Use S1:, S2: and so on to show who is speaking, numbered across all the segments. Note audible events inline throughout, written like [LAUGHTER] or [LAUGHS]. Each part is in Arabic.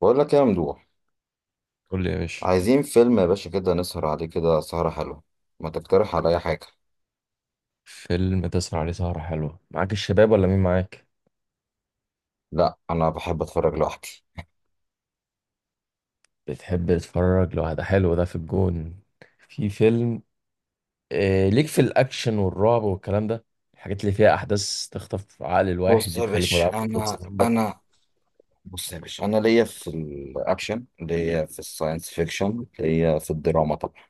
S1: بقول لك إيه يا ممدوح؟
S2: قول لي يا باشا.
S1: عايزين فيلم يا باشا كده، نسهر عليه كده سهرة حلوة. ما تقترح عليا حاجة؟
S2: فيلم تسهر عليه سهرة حلوة، معاك الشباب ولا مين معاك؟
S1: لا، أنا بحب أتفرج لوحدي.
S2: بتحب تتفرج لو ده حلو، ده في الجون. في فيلم، ليك في الأكشن والرعب والكلام ده. الحاجات اللي فيها أحداث تخطف عقل الواحد
S1: بص
S2: دي
S1: يا
S2: تخليك ما
S1: باشا
S2: تعرفش تبص
S1: أنا
S2: جنبك.
S1: أنا بص يا باشا، أنا ليا في الأكشن، ليا في الساينس فيكشن، ليا في الدراما طبعا.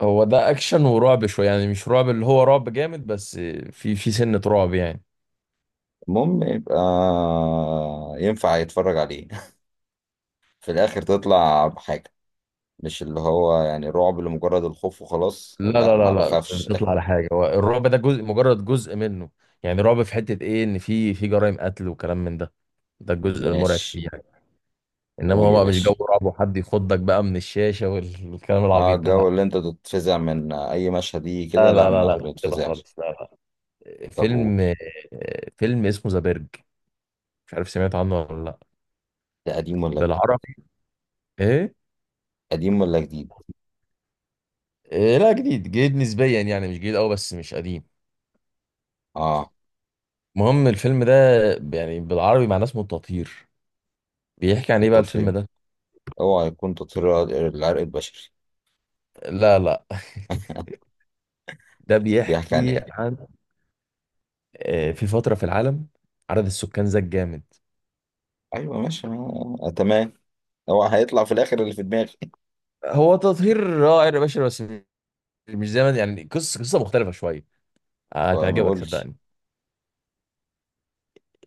S2: هو ده أكشن ورعب شوية، يعني مش رعب اللي هو رعب جامد، بس في سنة رعب يعني.
S1: المهم يبقى ينفع يتفرج عليه. [LAUGHS] في الآخر تطلع بحاجة. مش اللي هو يعني رعب لمجرد الخوف وخلاص،
S2: لا
S1: لا،
S2: لا لا
S1: ما
S2: لا،
S1: بخافش.
S2: بتطلع على حاجة، هو الرعب ده جزء، مجرد جزء منه. يعني رعب في حتة إيه، إن في جرائم قتل وكلام من ده. ده
S1: [LAUGHS]
S2: الجزء المرعب
S1: ماشي.
S2: فيه. انما
S1: قول
S2: هو
S1: يا
S2: بقى مش
S1: باشا.
S2: جو رعب وحد يخضك بقى من الشاشه والكلام
S1: اه،
S2: العبيط
S1: الجو
S2: ده.
S1: اللي انت تتفزع من اي مشهد دي، كده
S2: لا
S1: لا،
S2: لا لا لا
S1: ما
S2: لا لا، كده
S1: بتفزعش.
S2: خالص، لا لا.
S1: طب قول.
S2: فيلم فيلم اسمه ذا بيرج. مش عارف سمعت عنه ولا لا.
S1: ده قديم ولا جديد؟
S2: بالعربي ايه؟
S1: قديم ولا جديد؟
S2: لا، جديد جديد نسبيا يعني، مش جديد قوي بس مش قديم.
S1: اه.
S2: المهم الفيلم ده، يعني بالعربي معناه اسمه التطهير. بيحكي عن ايه بقى الفيلم
S1: التطهير.
S2: ده؟
S1: اوعى يكون تطهير العرق البشري.
S2: لا لا. [LAUGHS]
S1: [LAUGHS]
S2: ده
S1: بيحكي عن
S2: بيحكي
S1: ايه؟
S2: عن، في فترة في العالم عدد السكان زاد جامد.
S1: ايوه، ماشي، آه، آه، تمام. هو هيطلع في الاخر اللي في دماغي.
S2: هو تطهير رائع يا باشا، بس مش زي ما يعني، قصه مختلفه شويه.
S1: [LAUGHS] هو ما
S2: هتعجبك
S1: يقولش.
S2: صدقني.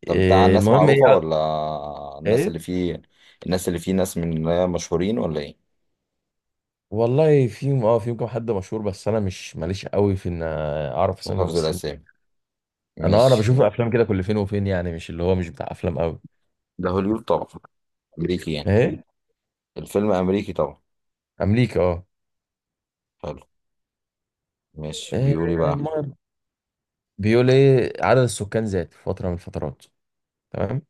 S1: طب بتاع الناس
S2: المهم ايه،
S1: معروفة ولا؟ الناس
S2: ايه
S1: اللي فيه، الناس اللي فيه ناس من اللي هي مشهورين ولا ايه؟
S2: والله. فيهم، اه، فيهم كام حد مشهور، بس انا مش ماليش قوي في ان اعرف
S1: في
S2: اسامي
S1: حفظ
S2: الممثلين.
S1: الاسامي.
S2: انا، انا
S1: ماشي.
S2: بشوف افلام كده كل فين وفين يعني، مش اللي هو مش بتاع افلام قوي.
S1: ده هوليوود طبعا، امريكي يعني.
S2: ايه.
S1: الفيلم امريكي طبعا.
S2: امريكا، اه.
S1: حلو. ماشي،
S2: إيه،
S1: بيقول ايه بقى؟
S2: المهم بيقول ايه، عدد السكان زاد في فتره من الفترات. تمام.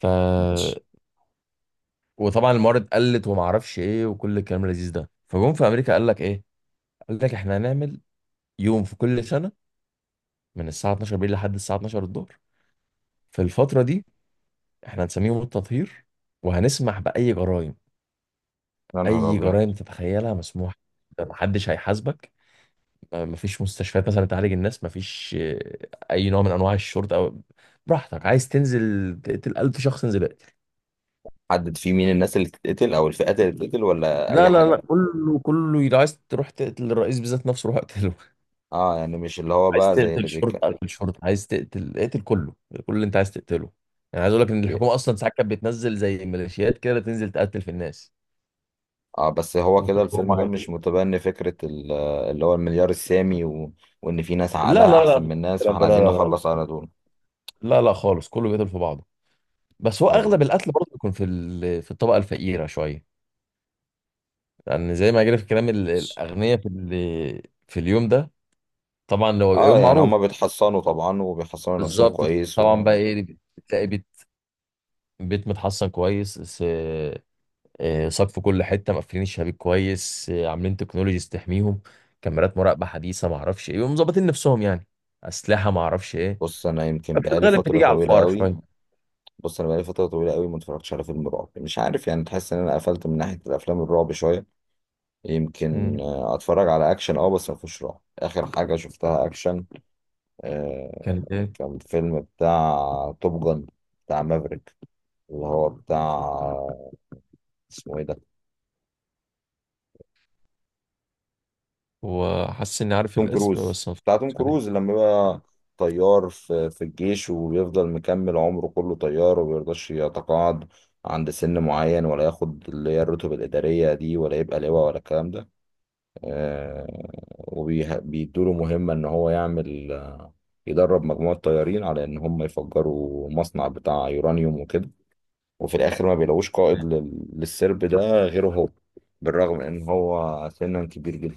S2: ف.
S1: ماشي.
S2: وطبعا الموارد قلت وما اعرفش ايه وكل الكلام اللذيذ ده. فجم في امريكا قال لك ايه؟ قال لك احنا هنعمل يوم في كل سنه، من الساعة 12 بالليل لحد الساعة 12 الظهر. في الفترة دي احنا هنسميه يوم التطهير، وهنسمح بأي جرائم.
S1: يا نهار
S2: أي
S1: ابيض.
S2: جرائم تتخيلها مسموح، محدش هيحاسبك. مفيش مستشفيات مثلا تعالج الناس، مفيش أي نوع من أنواع الشرطة أو. براحتك عايز تنزل تقتل 1000 شخص، انزل اقتل.
S1: حدد في مين الناس اللي تتقتل او الفئات اللي تتقتل، ولا
S2: لا
S1: اي
S2: لا
S1: حد؟
S2: لا والله، كله كله، لو عايز تروح تقتل الرئيس بالذات نفسه، روح اقتله. [LAUGHS]
S1: اه، يعني مش اللي هو
S2: عايز
S1: بقى زي اللي
S2: تقتل شرطة
S1: بيك.
S2: اقتل شرطة، عايز تقتل اقتل كله، كل اللي انت عايز تقتله. يعني عايز اقول لك ان الحكومه اصلا ساعات كانت بتنزل زي ميليشيات كده، تنزل تقتل في الناس.
S1: اه بس هو كده
S2: وكنت هم
S1: الفيلم ده
S2: عايزين.
S1: مش متبني فكرة اللي هو المليار السامي، و... وان في ناس
S2: لا
S1: عقلها
S2: لا لا
S1: احسن من الناس،
S2: الكلام
S1: فاحنا
S2: ده، لا
S1: عايزين
S2: لا لا لا.
S1: نخلص على دول.
S2: لا لا خالص، كله بيقتل في بعضه. بس هو
S1: حلو.
S2: اغلب القتل برضه بيكون في في الطبقه الفقيره شويه، لان زي ما جرى في الكلام، الاغنياء في في اليوم ده طبعا لو بيبقى
S1: اه
S2: يوم
S1: يعني
S2: معروف.
S1: هما بيتحصنوا طبعا، وبيحصنوا نفسهم
S2: بالظبط.
S1: كويس، و...
S2: طبعا بقى ايه، بتلاقي بيت متحصن كويس، سقف في كل حته، مقفلين الشبابيك كويس، عاملين تكنولوجيز تحميهم، كاميرات مراقبه حديثه، ما اعرفش ايه. بيبقوا مظبطين نفسهم يعني، اسلحه، ما اعرفش ايه.
S1: بص انا يمكن
S2: في
S1: بقالي
S2: الغالب
S1: فترة
S2: بتيجي على
S1: طويلة
S2: الفقراء
S1: قوي
S2: شويه.
S1: بص انا بقالي فترة طويلة قوي ما اتفرجتش على فيلم رعب، مش عارف، يعني تحس ان انا قفلت من ناحية الافلام الرعب شوية. يمكن
S2: مم.
S1: اتفرج على اكشن اه، بس ما فيهوش رعب. اخر حاجه شفتها اكشن، آه،
S2: كانت ايه؟
S1: كان فيلم بتاع توب جن، بتاع مافريك، اللي هو بتاع اسمه ايه ده،
S2: وحاسس اني عارف
S1: توم
S2: الاسم
S1: كروز.
S2: بس ما اتفرجتش عليه.
S1: لما بقى طيار في الجيش، وبيفضل مكمل عمره كله طيار، ومبيرضاش يتقاعد عند سن معين، ولا ياخد اللي هي الرتب الإدارية دي، ولا يبقى لواء ولا الكلام ده. وبيدوا له مهمة إن هو يعمل، يدرب مجموعة طيارين على إن هم يفجروا مصنع بتاع يورانيوم وكده. وفي الآخر ما بيلاقوش قائد للسرب ده غيره هو، بالرغم من إن هو سنا كبير جدا.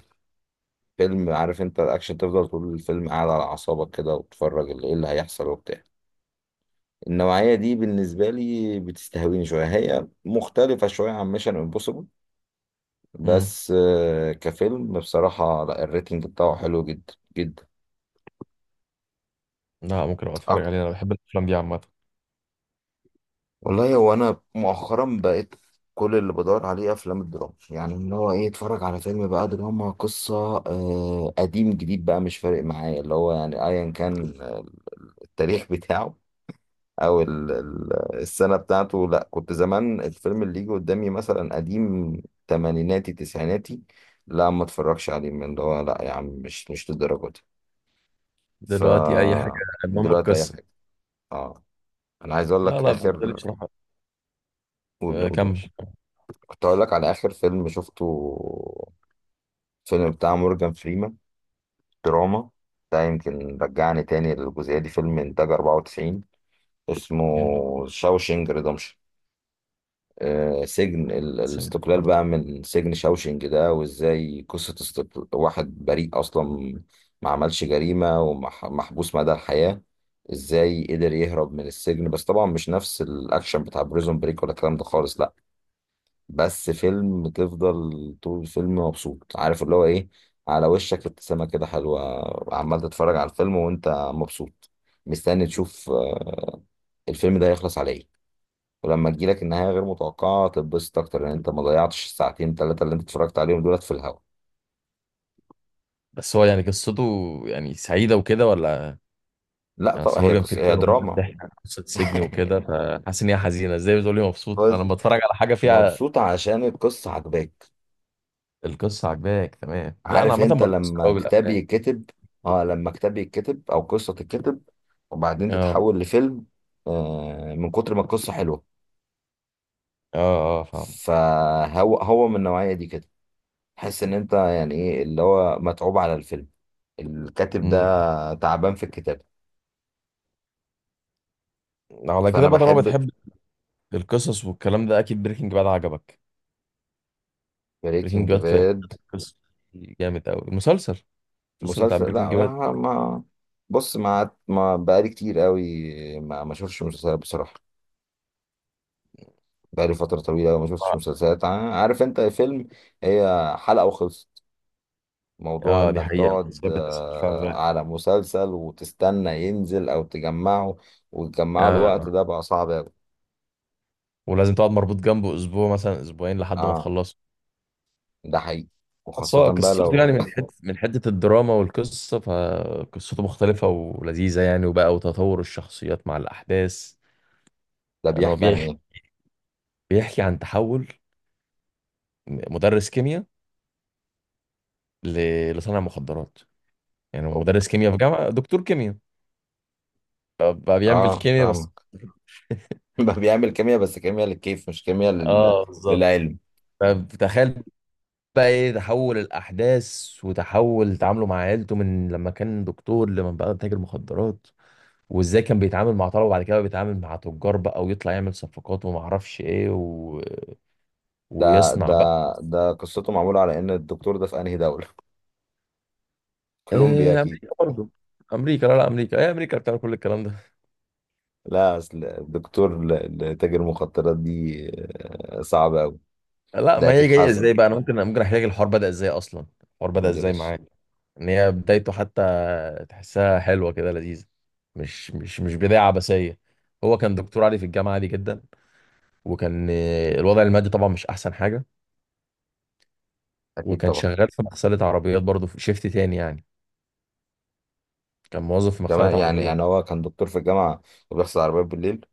S1: فيلم، عارف انت الاكشن، تفضل طول الفيلم قاعد على اعصابك كده، وتتفرج ايه اللي هيحصل وبتاع. النوعية دي بالنسبة لي بتستهويني شوية، هي مختلفة شوية عن ميشن امبوسيبل.
S2: امم
S1: بس كفيلم بصراحة، لا، الريتنج بتاعه حلو جدا جدا.
S2: لا، ممكن ابقى اتفرج
S1: أك-
S2: عليه، انا بحب الافلام دي عامه.
S1: والله هو انا مؤخرا بقيت كل اللي بدور عليه افلام الدراما، يعني ان هو ايه، اتفرج على فيلم بقى دراما، قصه، آه، قديم جديد بقى مش فارق معايا، اللي هو يعني ايا كان التاريخ [LAUGHS] بتاعه، او السنه بتاعته. لا، كنت زمان الفيلم اللي يجي قدامي مثلا قديم، تمانيناتي تسعيناتي، لا ما اتفرجش عليه، من اللي هو لا يا عم، مش للدرجه دي. ف
S2: دلوقتي اي حاجه. المهم
S1: دلوقتي اي
S2: القصه.
S1: حاجه. اه. انا عايز اقول
S2: لا
S1: لك
S2: لا بالنسبه لي
S1: اخر.
S2: بصراحه.
S1: قول قول يا باشا.
S2: كمل.
S1: كنت اقول لك على اخر فيلم شفته، فيلم بتاع مورجان فريمان، دراما، ده يمكن رجعني تاني للجزئيه دي. فيلم انتاج 94، اسمه
S2: أيوة،
S1: شاوشينج ريدمشن. سجن
S2: سمعت
S1: الاستقلال
S2: برضه.
S1: بقى من سجن شاوشينج ده، وازاي قصه استقل... واحد بريء اصلا، ما عملش جريمه، ومحبوس مدى الحياه، ازاي قدر يهرب من السجن. بس طبعا مش نفس الاكشن بتاع بريزون بريك ولا الكلام ده خالص، لا. بس فيلم تفضل طول الفيلم مبسوط، عارف، اللي هو ايه، على وشك ابتسامة كده حلوة، عمال تتفرج على الفيلم وانت مبسوط، مستني تشوف، الفيلم ده هيخلص على ايه. ولما تجيلك النهاية غير متوقعة تتبسط اكتر، لان انت ما ضيعتش الساعتين ثلاثة اللي انت اتفرجت عليهم دولت في الهوا.
S2: بس هو يعني قصته، يعني سعيده وكده ولا؟
S1: لا
S2: يعني
S1: طبعا
S2: أصل
S1: هي
S2: مورجان
S1: قصة، هي
S2: فريمان وبنت
S1: دراما.
S2: بتحكي عن قصه سجن وكده،
S1: [LAUGHS]
S2: فحاسس ان هي حزينه، ازاي بتقول لي مبسوط انا
S1: بس
S2: لما بتفرج على حاجه فيها.
S1: مبسوط عشان القصة عجباك.
S2: القصه عجباك تمام. لا انا
S1: عارف
S2: عامه
S1: انت
S2: بتاثر
S1: لما
S2: قوي
S1: كتاب
S2: بالافلام.
S1: يتكتب، اه لما كتاب يتكتب او قصة تتكتب وبعدين
S2: اه
S1: تتحول لفيلم، من كتر ما القصة حلوة.
S2: اه اه فاهم.
S1: فهو من النوعية دي كده، تحس ان انت يعني ايه اللي هو متعوب على الفيلم، الكاتب
S2: امم
S1: ده تعبان في الكتابة.
S2: على كده
S1: فانا
S2: بقى، طالما
S1: بحب.
S2: بتحب القصص والكلام ده اكيد بريكنج باد عجبك. بريكنج
S1: بريكنج
S2: باد في
S1: باد؟
S2: حتة القصص دي جامد قوي المسلسل. المسلسل بتاع
S1: مسلسل، لا.
S2: بريكنج باد.
S1: ما بص ما ما بقالي كتير قوي ما اشوفش مسلسلات بصراحة. بقالي فترة طويلة ما شفتش مسلسلات، عارف انت، فيلم هي حلقة وخلصت. موضوع
S2: اه، دي
S1: انك
S2: حقيقة،
S1: تقعد،
S2: المسلسلات بتسحل فعلا الواحد.
S1: على مسلسل وتستنى ينزل او تجمعه، وتجمعه،
S2: آه.
S1: الوقت ده بقى صعب اوي.
S2: ولازم تقعد مربوط جنبه اسبوع مثلا اسبوعين لحد ما
S1: اه
S2: تخلصه.
S1: ده حقيقي.
S2: بس
S1: وخاصة
S2: هو
S1: بقى
S2: قصته، يعني
S1: لو.
S2: من حته الدراما والقصه، فقصته مختلفه ولذيذه يعني، وبقى وتطور الشخصيات مع الاحداث.
S1: [LAUGHS] ده
S2: يعني هو
S1: بيحكي عن ايه؟
S2: بيحكي عن تحول مدرس كيمياء لصانع مخدرات. يعني هو
S1: أوب.
S2: مدرس كيمياء في جامعه، دكتور كيمياء، بقى بيعمل
S1: اه
S2: كيمياء بس.
S1: فاهمك. [LAUGHS] ده بيعمل كيمياء، بس كيمياء للكيف، مش كيمياء لل...
S2: اه بالظبط.
S1: للعلم.
S2: فتخيل بقى ايه تحول الاحداث وتحول تعامله مع عيلته من لما كان دكتور لما بقى تاجر مخدرات، وازاي كان بيتعامل مع طلبه وبعد كده بقى بيتعامل مع تجار بقى، ويطلع يعمل صفقات وما اعرفش ايه،
S1: ده
S2: ويصنع
S1: ده
S2: بقى.
S1: ده قصته معمولة على ان الدكتور ده في انهي دولة؟ [LAUGHS] كولومبيا اكيد.
S2: امريكا برضه. امريكا، لا لا، امريكا، هي امريكا بتعمل كل الكلام ده.
S1: لا اصل الدكتور لتاجر المخدرات دي، صعب قوي.
S2: لا،
S1: ده
S2: ما
S1: اكيد
S2: هي جايه
S1: حاسس.
S2: ازاي بقى، انا ممكن احكي لك الحوار بدأ ازاي اصلا. الحوار بدأ
S1: قول يا
S2: ازاي
S1: باشا.
S2: معاك، ان هي بدايته حتى تحسها حلوه كده لذيذه، مش بدايه عبثيه. هو كان دكتور عادي في الجامعه، عادي جدا، وكان، الوضع المادي طبعا مش احسن حاجه.
S1: اكيد
S2: وكان
S1: طبعا.
S2: شغال في مغسله عربيات برضه في شيفت تاني يعني، كان موظف في مغسله
S1: كمان، يعني
S2: عربيات.
S1: يعني هو كان دكتور في الجامعه وبيغسل عربيات بالليل؟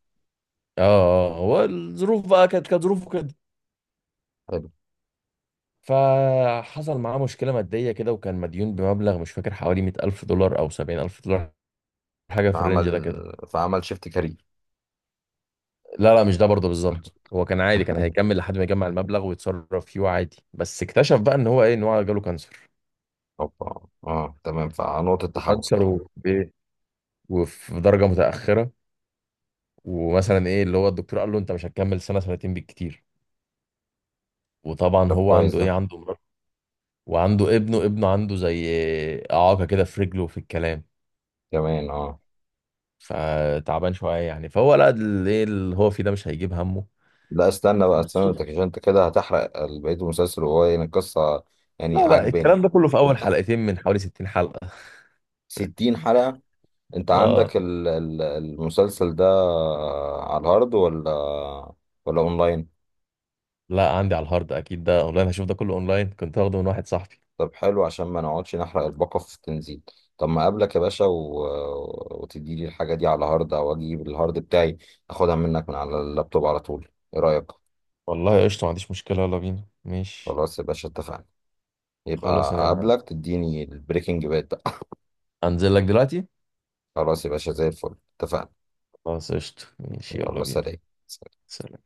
S2: اه اه، هو الظروف بقى، كانت ظروفه كده.
S1: حلو.
S2: فحصل معاه مشكله ماديه كده، وكان مديون بمبلغ مش فاكر، حوالي 100000 دولار او 70000 دولار، حاجه في الرينج ده
S1: فعمل
S2: كده.
S1: فعمل شيفت كارير.
S2: لا لا، مش ده برضه بالظبط. هو كان عادي، كان
S1: [LAUGHS]
S2: هيكمل لحد ما يجمع المبلغ ويتصرف فيه عادي، بس اكتشف بقى ان هو ايه، ان هو جاله كانسر.
S1: اوبا، اه تمام، فنقطه تحول.
S2: وكانسر وايه، وفي درجه متاخره. ومثلا ايه اللي هو الدكتور قال له انت مش هتكمل سنه سنتين بالكتير. وطبعا
S1: طب
S2: هو
S1: كويس
S2: عنده ايه،
S1: ده.
S2: عنده مرض، وعنده ابنه، عنده زي اعاقه كده في رجله وفي الكلام،
S1: كمان اه.
S2: فتعبان شويه يعني. فهو لا، ايه اللي هو فيه ده مش هيجيب همه.
S1: لا استنى بقى، استنى انت،
S2: فبالصدفه.
S1: عشان انت كده هتحرق بقيه المسلسل، وهو يعني القصه يعني
S2: لا لا،
S1: عاجباني.
S2: الكلام ده كله في اول
S1: [LAUGHS]
S2: حلقتين من حوالي 60 حلقه.
S1: 60 حلقه؟ انت
S2: اه.
S1: عندك المسلسل ده على الهارد ولا، ولا اونلاين؟
S2: لا عندي على الهارد اكيد، ده اونلاين هشوف، ده كله اونلاين، كنت واخده من واحد صاحبي.
S1: طب حلو، عشان ما نقعدش نحرق الباقة في التنزيل. طب ما اقابلك يا باشا و... وتدي لي الحاجة دي على هارد، او اجيب الهارد بتاعي اخدها منك من على اللابتوب على طول. ايه رأيك؟
S2: والله قشطه، ما عنديش مشكله، يلا بينا، ماشي.
S1: خلاص يا باشا اتفقنا. يبقى
S2: خلاص انا
S1: اقابلك تديني البريكنج باد بقى.
S2: هنزل لك دلوقتي.
S1: [LAUGHS] خلاص يا باشا زي الفل. اتفقنا.
S2: خلاص قشطة، ماشي، يلا
S1: يلا
S2: بينا.
S1: سلام.
S2: سلام.